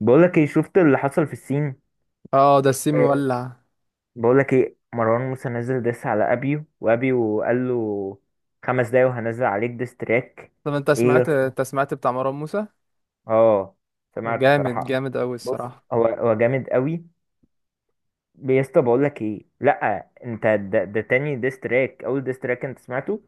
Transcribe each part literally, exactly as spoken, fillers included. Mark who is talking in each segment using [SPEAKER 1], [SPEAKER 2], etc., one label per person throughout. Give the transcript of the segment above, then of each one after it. [SPEAKER 1] بقولك ايه، شفت اللي حصل في الصين؟
[SPEAKER 2] اه، ده السيم
[SPEAKER 1] إيه.
[SPEAKER 2] مولع.
[SPEAKER 1] بقولك ايه، مروان موسى نزل ديس على ابيو، وابيو قال له خمس دقايق وهنزل عليك ديس تراك.
[SPEAKER 2] طب انت
[SPEAKER 1] ايه يا
[SPEAKER 2] سمعت
[SPEAKER 1] اسطى،
[SPEAKER 2] انت سمعت بتاع مروان موسى؟
[SPEAKER 1] اه سمعته
[SPEAKER 2] جامد
[SPEAKER 1] صراحة.
[SPEAKER 2] جامد قوي
[SPEAKER 1] بص،
[SPEAKER 2] الصراحه.
[SPEAKER 1] هو هو جامد قوي. يا اسطى، بقولك ايه، لا انت ده, ده تاني ديس تراك، اول ديس تراك انت سمعته؟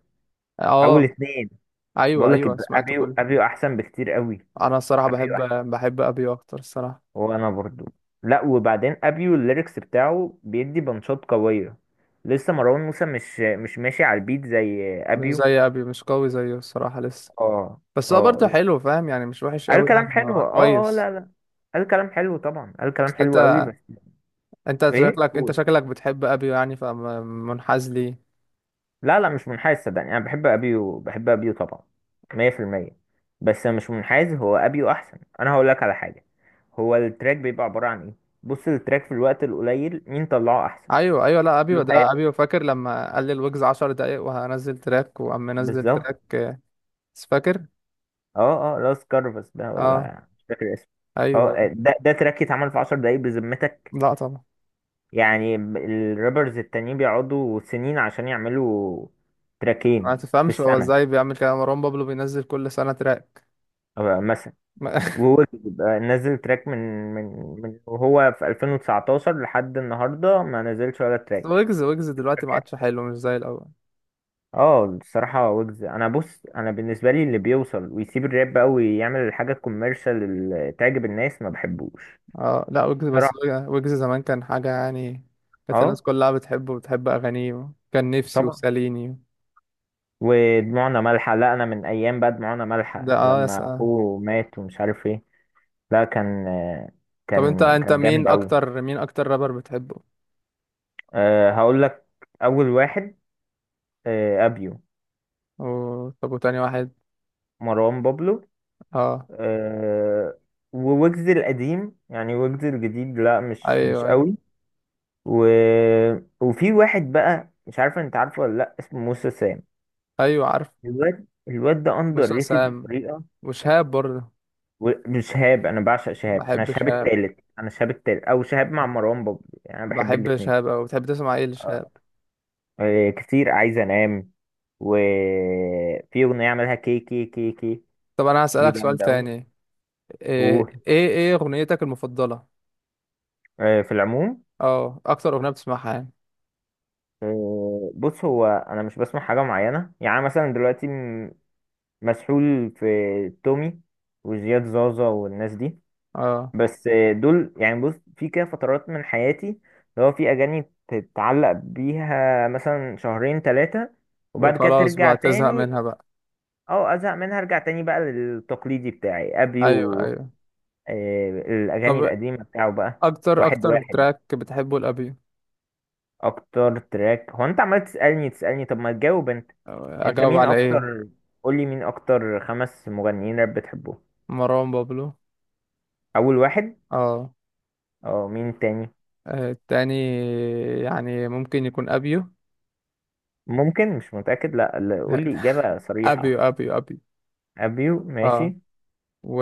[SPEAKER 1] اول
[SPEAKER 2] اه،
[SPEAKER 1] اتنين.
[SPEAKER 2] ايوه
[SPEAKER 1] بقولك،
[SPEAKER 2] ايوه سمعت
[SPEAKER 1] ابيو
[SPEAKER 2] كله.
[SPEAKER 1] ابيو احسن بكتير قوي.
[SPEAKER 2] انا الصراحه
[SPEAKER 1] ابيو.
[SPEAKER 2] بحب بحب ابيو اكتر الصراحه.
[SPEAKER 1] وانا برضو. لا، وبعدين ابيو الليركس بتاعه بيدي بنشاط قويه. لسه مروان موسى مش مش ماشي على البيت زي
[SPEAKER 2] مش
[SPEAKER 1] ابيو.
[SPEAKER 2] زي ابيو، مش قوي زيه الصراحه لسه.
[SPEAKER 1] اه،
[SPEAKER 2] بس هو
[SPEAKER 1] اه،
[SPEAKER 2] برضه حلو فاهم يعني، مش وحش
[SPEAKER 1] قال
[SPEAKER 2] قوي يعني،
[SPEAKER 1] كلام حلو،
[SPEAKER 2] هو
[SPEAKER 1] اه، اه،
[SPEAKER 2] كويس.
[SPEAKER 1] لا، لا، قال كلام حلو طبعا، قال كلام
[SPEAKER 2] بس
[SPEAKER 1] حلو قوي،
[SPEAKER 2] انت
[SPEAKER 1] بس...
[SPEAKER 2] انت
[SPEAKER 1] ايه،
[SPEAKER 2] شكلك انت
[SPEAKER 1] قول.
[SPEAKER 2] شكلك بتحب ابيو يعني فمنحاز ليه؟
[SPEAKER 1] لا، لا، مش منحاز، صدقني انا بحب ابيو، بحب ابيو طبعا، مية في المية. بس مش منحاز، هو ابيو احسن. انا هقول لك على حاجه. هو التراك بيبقى عباره عن ايه؟ بص، التراك في الوقت القليل مين طلعه احسن؟
[SPEAKER 2] ايوه ايوه، لا ابيو، ده
[SPEAKER 1] لوهات.
[SPEAKER 2] ابيو. فاكر لما قال لي الويجز عشر دقايق وهنزل تراك وقام منزل
[SPEAKER 1] بالظبط.
[SPEAKER 2] تراك، آه، فاكر.
[SPEAKER 1] اه، اه، لاس كارفاس ده
[SPEAKER 2] اه،
[SPEAKER 1] ولا مش فاكر اسمه.
[SPEAKER 2] ايوه أيوة.
[SPEAKER 1] اه، ده ده تراك اتعمل في عشر دقايق بذمتك؟
[SPEAKER 2] لا طبعا.
[SPEAKER 1] يعني ب- الرابرز التانيين بيقعدوا سنين عشان يعملوا
[SPEAKER 2] ما
[SPEAKER 1] تراكين في
[SPEAKER 2] تفهمش هو
[SPEAKER 1] السنة.
[SPEAKER 2] ازاي بيعمل كده، مروان بابلو بينزل كل سنة تراك.
[SPEAKER 1] آه، مثلا، وهو بيبقى نزل تراك من من من وهو في ألفين وتسعة عشر لحد النهاردة ما نزلش ولا تراك.
[SPEAKER 2] ويجز ويجز دلوقتي ما
[SPEAKER 1] تراكات.
[SPEAKER 2] عادش حلو، مش زي الأول.
[SPEAKER 1] اه، الصراحة ويجز، انا بص، انا بالنسبة لي اللي بيوصل ويسيب الراب قوي يعمل الحاجة الكوميرشال اللي تعجب الناس، ما بحبوش
[SPEAKER 2] اه لا، ويجز بس.
[SPEAKER 1] صراحة.
[SPEAKER 2] ويجز زمان كان حاجة يعني. كانت الناس
[SPEAKER 1] اه،
[SPEAKER 2] كلها بتحبه وبتحب أغانيه، كان نفسي
[SPEAKER 1] طبعا،
[SPEAKER 2] وساليني.
[SPEAKER 1] ودموعنا مالحة. لا، أنا من أيام بقى دموعنا
[SPEAKER 2] ده
[SPEAKER 1] مالحة
[SPEAKER 2] اه يا
[SPEAKER 1] لما
[SPEAKER 2] سلام.
[SPEAKER 1] أخوه مات ومش عارف إيه. لا، كان،
[SPEAKER 2] طب انت
[SPEAKER 1] كان
[SPEAKER 2] انت
[SPEAKER 1] كان جامد
[SPEAKER 2] مين
[SPEAKER 1] أوي.
[SPEAKER 2] أكتر مين أكتر رابر بتحبه؟
[SPEAKER 1] أه، هقول لك. أول واحد. أه، أبيو.
[SPEAKER 2] و... طب وتاني واحد؟
[SPEAKER 1] مروان بابلو.
[SPEAKER 2] اه،
[SPEAKER 1] أه. وويجز القديم، يعني ويجز الجديد لا،
[SPEAKER 2] أيوه
[SPEAKER 1] مش مش
[SPEAKER 2] أيوه
[SPEAKER 1] أوي. و. وفي واحد بقى مش عارف أنت عارفه ولا لأ، اسمه موسى سام.
[SPEAKER 2] أيوه عارف.
[SPEAKER 1] الواد الواد ده أندر
[SPEAKER 2] موسى
[SPEAKER 1] ريتد
[SPEAKER 2] سام،
[SPEAKER 1] بطريقة.
[SPEAKER 2] وشهاب برضه.
[SPEAKER 1] و- مش شهاب، انا بعشق شهاب، انا
[SPEAKER 2] بحب
[SPEAKER 1] شهاب
[SPEAKER 2] شهاب،
[SPEAKER 1] التالت انا شهاب التالت او شهاب مع مروان بابلو، يعني انا بحب
[SPEAKER 2] بحب
[SPEAKER 1] الاتنين.
[SPEAKER 2] شهاب أوي. بتحب تسمع ايه
[SPEAKER 1] اه.
[SPEAKER 2] لشهاب؟
[SPEAKER 1] آه، كتير عايز انام. وفي اغنيه عملها كي كي كي كي،
[SPEAKER 2] طب أنا
[SPEAKER 1] دي
[SPEAKER 2] هسألك سؤال
[SPEAKER 1] جامده قوي.
[SPEAKER 2] تاني: ايه
[SPEAKER 1] وفي
[SPEAKER 2] ايه إيه اغنيتك المفضلة،
[SPEAKER 1] العموم.
[SPEAKER 2] اه اكتر اغنية بتسمعها يعني؟
[SPEAKER 1] آه، بص، هو انا مش بسمع حاجه معينه، يعني أنا مثلا دلوقتي م- مسحول في تومي وزياد زازا والناس دي.
[SPEAKER 2] اه.
[SPEAKER 1] بس دول يعني، بص في كده فترات من حياتي اللي هو في اغاني تتعلق بيها مثلا شهرين ثلاثة، وبعد كده
[SPEAKER 2] وخلاص
[SPEAKER 1] ترجع
[SPEAKER 2] بقى تزهق
[SPEAKER 1] تاني.
[SPEAKER 2] منها بقى.
[SPEAKER 1] او ازهق منها ارجع تاني بقى للتقليدي بتاعي ابي
[SPEAKER 2] ايوه
[SPEAKER 1] و...
[SPEAKER 2] ايوه.
[SPEAKER 1] آه، الاغاني
[SPEAKER 2] طب
[SPEAKER 1] القديمة بتاعه بقى.
[SPEAKER 2] اكتر
[SPEAKER 1] واحد
[SPEAKER 2] اكتر
[SPEAKER 1] واحد،
[SPEAKER 2] تراك بتحبه الابيو؟
[SPEAKER 1] اكتر تراك. هو انت عمال تسألني تسألني، طب ما تجاوب انت، انت
[SPEAKER 2] اجاوب
[SPEAKER 1] مين
[SPEAKER 2] على ايه؟
[SPEAKER 1] اكتر؟ قولي مين اكتر خمس مغنيين راب بتحبهم.
[SPEAKER 2] مروان بابلو.
[SPEAKER 1] اول واحد.
[SPEAKER 2] اه.
[SPEAKER 1] اه، مين تاني؟
[SPEAKER 2] آه، التاني يعني ممكن يكون ابيو.
[SPEAKER 1] ممكن، مش متأكد. لا، لا، قولي اجابة صريحة.
[SPEAKER 2] ابيو ابيو ابيو.
[SPEAKER 1] ابيو،
[SPEAKER 2] اه.
[SPEAKER 1] ماشي.
[SPEAKER 2] و...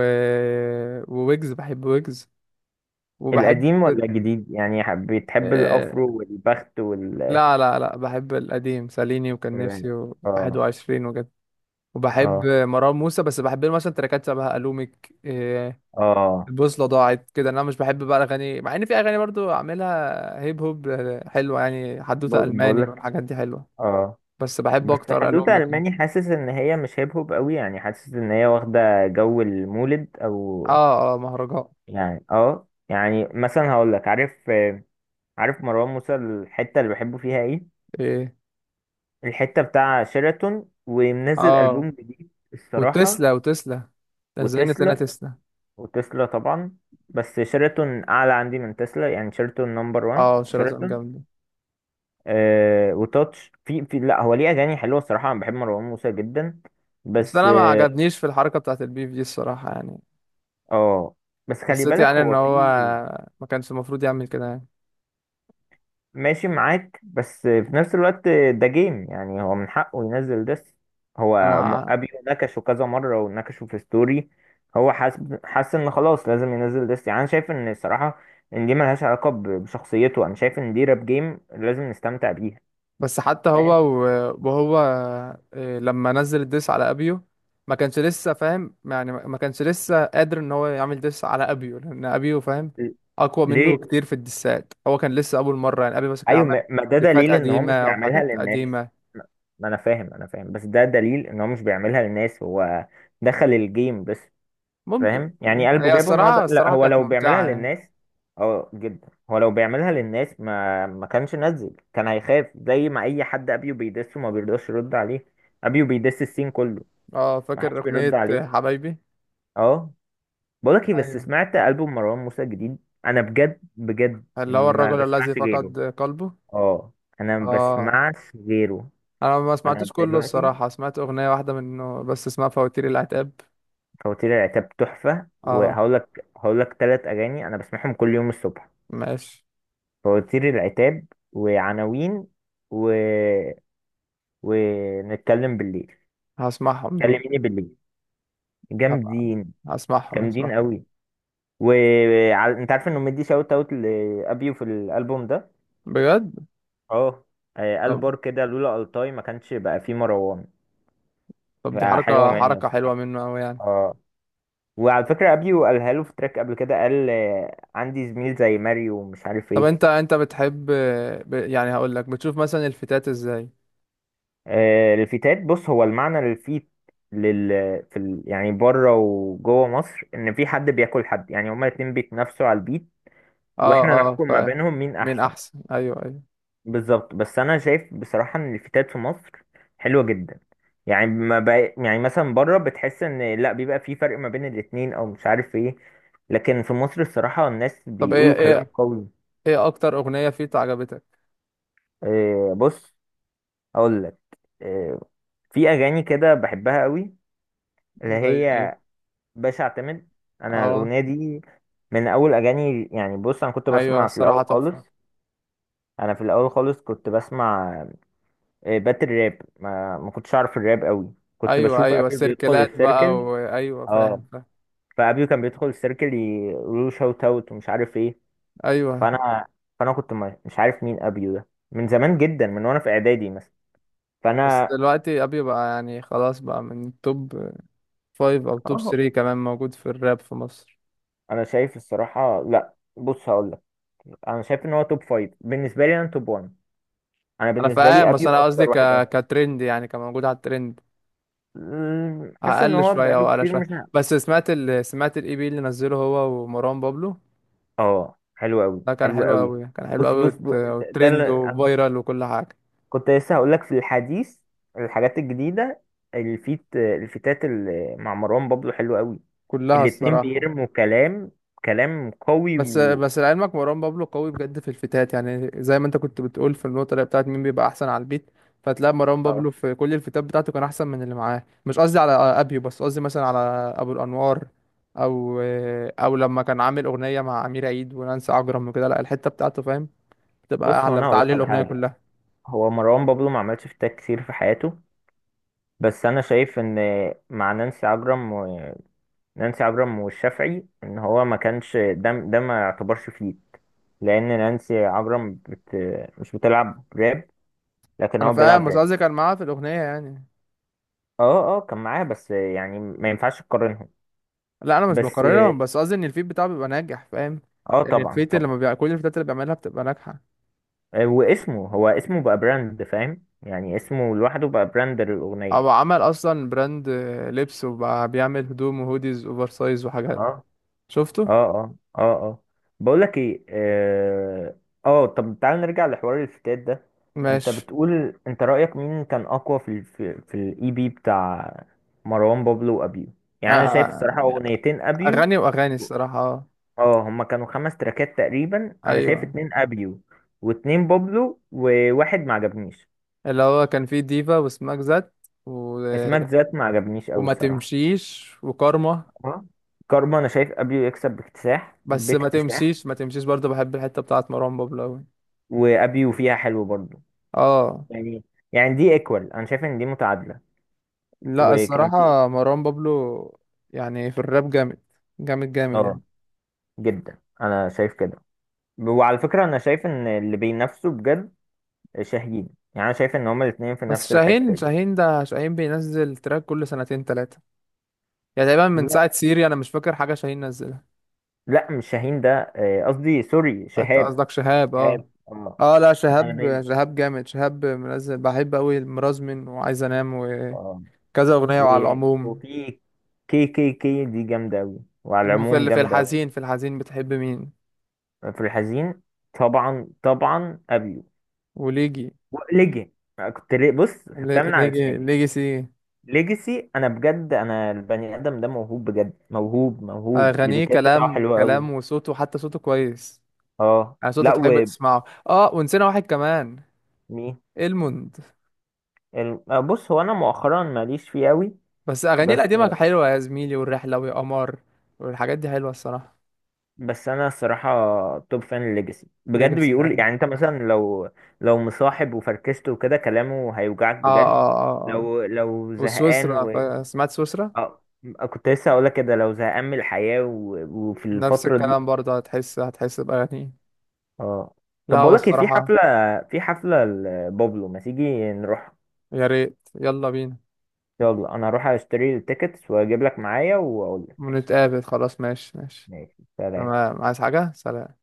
[SPEAKER 2] وويجز، بحب ويجز. وبحب
[SPEAKER 1] القديم ولا الجديد؟ يعني حب- بتحب
[SPEAKER 2] آه...
[SPEAKER 1] الافرو والبخت وال...
[SPEAKER 2] لا لا لا، بحب القديم، ساليني وكان نفسي
[SPEAKER 1] اه،
[SPEAKER 2] و21 وجد. وبحب
[SPEAKER 1] اه،
[SPEAKER 2] مروان موسى، بس بحب له مثلا تراكات شبه الومك إيه.
[SPEAKER 1] اه.
[SPEAKER 2] البوصله ضاعت كده، انا مش بحب بقى الاغاني، مع ان في اغاني برضو عاملها هيب هوب حلوه يعني. حدوته
[SPEAKER 1] ب-
[SPEAKER 2] الماني
[SPEAKER 1] بقولك.
[SPEAKER 2] والحاجات دي حلوه،
[SPEAKER 1] اه.
[SPEAKER 2] بس بحب
[SPEAKER 1] بس
[SPEAKER 2] اكتر
[SPEAKER 1] حدوتة
[SPEAKER 2] الومك.
[SPEAKER 1] ألماني، حاسس إن هي مش هيب هوب قوي، يعني حاسس إن هي واخدة جو المولد أو...
[SPEAKER 2] اه اه، مهرجان.
[SPEAKER 1] يعني اه، يعني مثلا هقولك، عارف آه، عارف مروان موسى الحتة اللي بحبه فيها إيه؟
[SPEAKER 2] ايه
[SPEAKER 1] الحتة بتاع شيراتون، ومنزل
[SPEAKER 2] اه،
[SPEAKER 1] ألبوم جديد الصراحة.
[SPEAKER 2] وتسلا وتسلا. ازاي نسينا
[SPEAKER 1] وتسلا
[SPEAKER 2] تسلا؟
[SPEAKER 1] وتسلا طبعا. بس شيراتون اعلى عندي من تسلا، يعني شيراتون نمبر واحد.
[SPEAKER 2] اه شيراتون
[SPEAKER 1] شيراتون.
[SPEAKER 2] جامده.
[SPEAKER 1] آه، وتاتش، في في لا، هو ليه اغاني حلوه الصراحه، انا بحب مروان موسى جدا.
[SPEAKER 2] بس
[SPEAKER 1] بس
[SPEAKER 2] انا ما
[SPEAKER 1] اه،
[SPEAKER 2] عجبنيش في الحركه بتاعت البيف دي الصراحه يعني.
[SPEAKER 1] آه، بس خلي
[SPEAKER 2] حسيت
[SPEAKER 1] بالك،
[SPEAKER 2] يعني ان
[SPEAKER 1] هو في...
[SPEAKER 2] هو ما كانش المفروض يعمل كده يعني.
[SPEAKER 1] ماشي معاك، بس في نفس الوقت ده جيم، يعني هو من حقه ينزل ده. هو م-
[SPEAKER 2] انا
[SPEAKER 1] ابيو نكشه كذا مرة، ونكشه في ستوري. هو حاسس حاسس ان خلاص لازم ينزل ديس، يعني انا شايف ان الصراحة ان دي ملهاش علاقة ب- بشخصيته. انا شايف ان دي راب جيم لازم نستمتع بيها.
[SPEAKER 2] بس، حتى هو
[SPEAKER 1] فاهم؟
[SPEAKER 2] و- وهو آه، لما نزل الديس على ابيو ما كانش لسه فاهم يعني، ما ما كانش لسه قادر ان هو يعمل ديس على ابيو، لان ابيو فاهم
[SPEAKER 1] ل-
[SPEAKER 2] اقوى منه
[SPEAKER 1] ليه.
[SPEAKER 2] كتير في الديسات. هو كان لسه اول مره يعني، ابيو بس كان
[SPEAKER 1] ايوه،
[SPEAKER 2] عمل
[SPEAKER 1] ما ما ده
[SPEAKER 2] ديفات
[SPEAKER 1] دليل ان هو مش
[SPEAKER 2] قديمه
[SPEAKER 1] بيعملها
[SPEAKER 2] وحاجات
[SPEAKER 1] للناس.
[SPEAKER 2] قديمه.
[SPEAKER 1] ما، ما انا فاهم، انا فاهم، بس ده دليل ان هو مش بيعملها للناس. هو دخل الجيم بس.
[SPEAKER 2] ممكن.
[SPEAKER 1] فاهم؟ يعني
[SPEAKER 2] ممكن
[SPEAKER 1] قلبه
[SPEAKER 2] هي
[SPEAKER 1] جابه ان هو
[SPEAKER 2] الصراحه
[SPEAKER 1] ده، لا،
[SPEAKER 2] الصراحه
[SPEAKER 1] هو
[SPEAKER 2] كانت
[SPEAKER 1] لو بيعملها
[SPEAKER 2] ممتعه يعني.
[SPEAKER 1] للناس... اه، جدا. هو لو بيعملها للناس ما ما كانش نزل، كان هيخاف زي ما اي حد ابيو بيدسه ما بيرضاش يرد عليه. ابيو بيدس السين كله،
[SPEAKER 2] اه
[SPEAKER 1] ما
[SPEAKER 2] فاكر
[SPEAKER 1] حدش
[SPEAKER 2] اغنيه
[SPEAKER 1] بيرد عليه.
[SPEAKER 2] حبايبي.
[SPEAKER 1] اه، بقولك ايه، بس
[SPEAKER 2] ايوه،
[SPEAKER 1] سمعت البوم مروان موسى الجديد؟ انا بجد بجد
[SPEAKER 2] اللي هو
[SPEAKER 1] ما
[SPEAKER 2] الرجل الذي
[SPEAKER 1] بسمعش غيره.
[SPEAKER 2] فقد قلبه.
[SPEAKER 1] اه، انا ما
[SPEAKER 2] اه.
[SPEAKER 1] بسمعش غيره.
[SPEAKER 2] انا ما
[SPEAKER 1] انا
[SPEAKER 2] سمعتوش كله
[SPEAKER 1] دلوقتي
[SPEAKER 2] الصراحه، سمعت اغنيه واحده منه بس اسمها فواتير العتاب.
[SPEAKER 1] فواتير العتاب تحفه.
[SPEAKER 2] اه
[SPEAKER 1] وهقول لك هقول لك ثلاث اغاني انا بسمعهم كل يوم الصبح.
[SPEAKER 2] ماشي.
[SPEAKER 1] فواتير العتاب، وعناوين، و... ونتكلم بالليل،
[SPEAKER 2] هسمعهم دول.
[SPEAKER 1] كلميني بالليل.
[SPEAKER 2] هبقى
[SPEAKER 1] جامدين،
[SPEAKER 2] هسمعهم
[SPEAKER 1] جامدين
[SPEAKER 2] هسمعهم
[SPEAKER 1] قوي. وانت عارف انه مدي شاوت اوت لابيو في الالبوم ده؟
[SPEAKER 2] بجد.
[SPEAKER 1] اه، آه، قال
[SPEAKER 2] طب
[SPEAKER 1] بار كده، لولا التاي ما كانش بقى فيه مروان.
[SPEAKER 2] طب دي
[SPEAKER 1] فحلوه
[SPEAKER 2] حركة
[SPEAKER 1] منه
[SPEAKER 2] حركة حلوة
[SPEAKER 1] الصراحه.
[SPEAKER 2] منه أوي يعني.
[SPEAKER 1] اه، وعلى فكره ابيو قالها له في تراك قبل كده، قال آه، عندي زميل زي ماريو ومش عارف
[SPEAKER 2] طب انت
[SPEAKER 1] ايه.
[SPEAKER 2] انت بتحب، ب... يعني هقول لك، بتشوف مثلا الفتات ازاي.
[SPEAKER 1] آه، الفتات، بص هو المعنى للفيت، لل، في ال، يعني بره وجوه مصر ان في حد بياكل حد، يعني هما الاتنين بيتنافسوا على البيت
[SPEAKER 2] اه
[SPEAKER 1] واحنا
[SPEAKER 2] اه
[SPEAKER 1] نحكم ما
[SPEAKER 2] فاهم.
[SPEAKER 1] بينهم مين
[SPEAKER 2] مين
[SPEAKER 1] احسن.
[SPEAKER 2] احسن، ايوه ايوه.
[SPEAKER 1] بالظبط، بس انا شايف بصراحة ان الفتات في مصر حلوة جدا. يعني ما بقى، يعني مثلا بره بتحس ان لا بيبقى في فرق ما بين الاتنين او مش عارف ايه، لكن في مصر الصراحة الناس
[SPEAKER 2] طب ايه
[SPEAKER 1] بيقولوا كلام
[SPEAKER 2] ايه
[SPEAKER 1] قوي.
[SPEAKER 2] ايه اكتر اغنية فيت عجبتك؟
[SPEAKER 1] آه، بص، اقول لك. آه، في اغاني كده بحبها قوي، اللي
[SPEAKER 2] زي ايه؟
[SPEAKER 1] هي باش اعتمد. انا
[SPEAKER 2] اه
[SPEAKER 1] الاغنيه دي من اول اغاني. يعني بص، انا كنت
[SPEAKER 2] ايوه
[SPEAKER 1] بسمع في الاول
[SPEAKER 2] الصراحة
[SPEAKER 1] خالص.
[SPEAKER 2] تحفة.
[SPEAKER 1] انا في الاول خالص كنت بسمع آه، باتل راب. ما, ما كنتش اعرف الراب قوي، كنت
[SPEAKER 2] ايوه
[SPEAKER 1] بشوف
[SPEAKER 2] ايوه
[SPEAKER 1] ابيو بيدخل
[SPEAKER 2] سيركلات بقى،
[SPEAKER 1] السيركل.
[SPEAKER 2] وايوه
[SPEAKER 1] اه،
[SPEAKER 2] فاهم فاهم.
[SPEAKER 1] فابيو كان بيدخل السيركل يقولوا شوت اوت ومش عارف ايه.
[SPEAKER 2] ايوه
[SPEAKER 1] فانا، فانا كنت ما- مش عارف مين ابيو ده من زمان جدا، من وانا في اعدادي مثلا.
[SPEAKER 2] بس
[SPEAKER 1] فانا،
[SPEAKER 2] دلوقتي ابي بقى يعني خلاص بقى من توب فايف او توب
[SPEAKER 1] اه،
[SPEAKER 2] ثري كمان موجود في الراب في مصر.
[SPEAKER 1] انا شايف الصراحه، لا بص هقول لك، انا شايف ان هو توب فايف. بالنسبه لي انا توب واحد. انا
[SPEAKER 2] انا
[SPEAKER 1] بالنسبه
[SPEAKER 2] فاهم،
[SPEAKER 1] لي
[SPEAKER 2] بس
[SPEAKER 1] ابيو
[SPEAKER 2] انا قصدي
[SPEAKER 1] اكتر
[SPEAKER 2] ك...
[SPEAKER 1] واحد.
[SPEAKER 2] كترند يعني، كموجود على الترند.
[SPEAKER 1] مم، حاسس ان
[SPEAKER 2] اقل
[SPEAKER 1] هو
[SPEAKER 2] شويه
[SPEAKER 1] بقاله
[SPEAKER 2] او اقل
[SPEAKER 1] كتير
[SPEAKER 2] شويه.
[SPEAKER 1] مش ع-
[SPEAKER 2] بس سمعت ال... سمعت الاي بي اللي نزله هو ومروان بابلو.
[SPEAKER 1] اه، حلو قوي،
[SPEAKER 2] ده كان
[SPEAKER 1] حلو
[SPEAKER 2] حلو
[SPEAKER 1] قوي.
[SPEAKER 2] قوي، كان حلو
[SPEAKER 1] بص
[SPEAKER 2] قوي
[SPEAKER 1] بص
[SPEAKER 2] وت...
[SPEAKER 1] بص، ده ده اللي
[SPEAKER 2] وترند
[SPEAKER 1] أنا
[SPEAKER 2] وفايرال وكل حاجه.
[SPEAKER 1] كنت لسه هقول لك في الحديث، الحاجات الجديده. الفيت الفيتات اللي مع مروان بابلو حلو قوي،
[SPEAKER 2] كلها
[SPEAKER 1] الاتنين
[SPEAKER 2] الصراحه.
[SPEAKER 1] بيرموا كلام، كلام قوي
[SPEAKER 2] بس
[SPEAKER 1] و...
[SPEAKER 2] بس لعلمك مروان بابلو قوي بجد في الفتات يعني، زي ما انت كنت بتقول في النقطة اللي بتاعت مين بيبقى أحسن على البيت. فتلاقي مروان بابلو
[SPEAKER 1] اه،
[SPEAKER 2] في كل الفتات بتاعته كان أحسن من اللي معاه. مش قصدي على أبيو، بس قصدي مثلا على أبو الأنوار، أو أو لما كان عامل أغنية مع أمير عيد ونانسي عجرم وكده. لا، الحتة بتاعته فاهم، بتبقى
[SPEAKER 1] بص، هو
[SPEAKER 2] أعلى،
[SPEAKER 1] انا هقول
[SPEAKER 2] بتعلي
[SPEAKER 1] لك على
[SPEAKER 2] الأغنية
[SPEAKER 1] حاجه.
[SPEAKER 2] كلها.
[SPEAKER 1] هو مروان بابلو ما عملش فيتات كتير في حياته، بس انا شايف ان مع نانسي عجرم، نانسي عجرم والشافعي، ان هو ما كانش، ده ده ما يعتبرش فيت، لان نانسي عجرم بت، مش بتلعب راب، لكن
[SPEAKER 2] أنا
[SPEAKER 1] هو
[SPEAKER 2] فاهم،
[SPEAKER 1] بيلعب
[SPEAKER 2] بس
[SPEAKER 1] راب.
[SPEAKER 2] قصدي كان معاه في الأغنية يعني.
[SPEAKER 1] اه، اه، كان معاه، بس يعني ما ينفعش تقارنهم.
[SPEAKER 2] لا أنا مش
[SPEAKER 1] بس
[SPEAKER 2] بقارنهم، بس قصدي إن الفيت بتاعه بيبقى ناجح فاهم.
[SPEAKER 1] اه،
[SPEAKER 2] يعني
[SPEAKER 1] طبعا،
[SPEAKER 2] الفيت اللي لما
[SPEAKER 1] طبعا.
[SPEAKER 2] بيع... كل الفتات اللي بيعملها بتبقى ناجحة.
[SPEAKER 1] آه، واسمه، هو اسمه بقى براند، فاهم؟ يعني اسمه لوحده بقى براند
[SPEAKER 2] او
[SPEAKER 1] للاغنيه.
[SPEAKER 2] عمل اصلا براند، آه، لبس، وبقى بيعمل هدوم وهوديز اوفر سايز وحاجات.
[SPEAKER 1] اه،
[SPEAKER 2] شفته.
[SPEAKER 1] اه، اه، اه، اه، بقول لك ايه، اه، آه، طب تعال نرجع لحوار الفتات ده. انت
[SPEAKER 2] ماشي.
[SPEAKER 1] بتقول، انت رأيك مين كان اقوى في ال، في, في الاي بي بتاع مروان بابلو وابيو؟
[SPEAKER 2] آه،
[SPEAKER 1] يعني انا شايف
[SPEAKER 2] آه،
[SPEAKER 1] الصراحة اغنيتين ابيو.
[SPEAKER 2] اغاني واغاني الصراحه. آه.
[SPEAKER 1] اه، هما كانوا خمس تراكات تقريبا. انا شايف
[SPEAKER 2] ايوه
[SPEAKER 1] اتنين ابيو واتنين بابلو وواحد ما عجبنيش.
[SPEAKER 2] اللي هو كان فيه ديفا، وسماك زات، و...
[SPEAKER 1] اسمك ذات ما عجبنيش قوي
[SPEAKER 2] وما
[SPEAKER 1] الصراحة.
[SPEAKER 2] تمشيش، وكارما.
[SPEAKER 1] اه، كارما انا شايف ابيو يكسب باكتساح،
[SPEAKER 2] بس ما
[SPEAKER 1] باكتساح.
[SPEAKER 2] تمشيش ما تمشيش برضه بحب الحته بتاعت مروان بابلو أوي.
[SPEAKER 1] وابيو فيها حلو برضه،
[SPEAKER 2] اه
[SPEAKER 1] يعني. يعني دي ايكوال، انا شايف ان دي متعادله.
[SPEAKER 2] لا،
[SPEAKER 1] وكان في...
[SPEAKER 2] الصراحه مروان بابلو يعني في الراب جامد، جامد جامد يعني.
[SPEAKER 1] اه، جدا، انا شايف كده. وعلى فكره انا شايف ان اللي بينافسوا بجد شاهين، يعني انا شايف ان هما الاثنين في
[SPEAKER 2] بس
[SPEAKER 1] نفس الحته
[SPEAKER 2] شاهين
[SPEAKER 1] دي.
[SPEAKER 2] شاهين ده شاهين بينزل تراك كل سنتين تلاتة يعني. تقريبا من
[SPEAKER 1] لا،
[SPEAKER 2] ساعة سيري أنا مش فاكر حاجة شاهين نزلها.
[SPEAKER 1] لا، مش شاهين ده، آه، قصدي سوري،
[SPEAKER 2] أنت
[SPEAKER 1] شهاب.
[SPEAKER 2] قصدك شهاب؟
[SPEAKER 1] شهاب.
[SPEAKER 2] أه.
[SPEAKER 1] اه،
[SPEAKER 2] أه لا
[SPEAKER 1] انا
[SPEAKER 2] شهاب
[SPEAKER 1] بين،
[SPEAKER 2] شهاب جامد. شهاب منزل، بحب أوي المرازمن وعايز أنام وكذا
[SPEAKER 1] اه،
[SPEAKER 2] أغنية، وعلى
[SPEAKER 1] و-
[SPEAKER 2] العموم.
[SPEAKER 1] وفي كي كي كي دي جامده قوي، وعلى
[SPEAKER 2] طب في
[SPEAKER 1] العموم
[SPEAKER 2] ال- في
[SPEAKER 1] جامده قوي.
[SPEAKER 2] الحزين في الحزين بتحب مين؟
[SPEAKER 1] في الحزين، طبعا طبعا ابيو.
[SPEAKER 2] وليجي.
[SPEAKER 1] وليجن. كنت ليه؟ بص،
[SPEAKER 2] لي-
[SPEAKER 1] خدتها من على
[SPEAKER 2] ليجي
[SPEAKER 1] لساني.
[SPEAKER 2] ليجي سي.
[SPEAKER 1] ليجاسي، انا بجد انا البني ادم ده موهوب بجد، موهوب موهوب،
[SPEAKER 2] أغانيه
[SPEAKER 1] البيكات بتاعه
[SPEAKER 2] كلام
[SPEAKER 1] حلوه قوي.
[SPEAKER 2] كلام، وصوته حتى صوته كويس
[SPEAKER 1] اه،
[SPEAKER 2] يعني. صوته
[SPEAKER 1] لا.
[SPEAKER 2] تحب تسمعه. أه ونسينا واحد كمان.
[SPEAKER 1] ومين؟
[SPEAKER 2] الموند.
[SPEAKER 1] ال- آه، بص، هو انا مؤخرا ماليش فيه قوي.
[SPEAKER 2] بس أغانيه
[SPEAKER 1] بس.
[SPEAKER 2] القديمة حلوة، يا زميلي، والرحلة، ويا قمر، والحاجات دي حلوة الصراحة.
[SPEAKER 1] بس انا الصراحه توب فان ليجاسي، بجد
[SPEAKER 2] ليجاسي
[SPEAKER 1] بيقول.
[SPEAKER 2] اه.
[SPEAKER 1] يعني انت مثلا لو، لو مصاحب وفركشته وكده، كلامه هيوجعك
[SPEAKER 2] اه
[SPEAKER 1] بجد.
[SPEAKER 2] اه آه.
[SPEAKER 1] لو لو زهقان
[SPEAKER 2] وسويسرا،
[SPEAKER 1] و...
[SPEAKER 2] ف- سمعت سويسرا.
[SPEAKER 1] اه، كنت لسه هقولك كده، لو زهقان من الحياه و... وفي
[SPEAKER 2] نفس
[SPEAKER 1] الفتره دي.
[SPEAKER 2] الكلام برضه، هتحس هتحس بأغاني.
[SPEAKER 1] اه،
[SPEAKER 2] لا
[SPEAKER 1] طب
[SPEAKER 2] هو
[SPEAKER 1] بقول لك إيه، في
[SPEAKER 2] الصراحة.
[SPEAKER 1] حفلة في حفلة لبابلو، ما تيجي نروح؟
[SPEAKER 2] يا ريت، يلا بينا.
[SPEAKER 1] يلا، انا هروح اشتري التيكتس واجيب لك معايا واقول لك.
[SPEAKER 2] ونتقابل خلاص، ماشي ماشي.
[SPEAKER 1] ماشي، سلام.
[SPEAKER 2] تمام، عايز حاجة؟ سلام.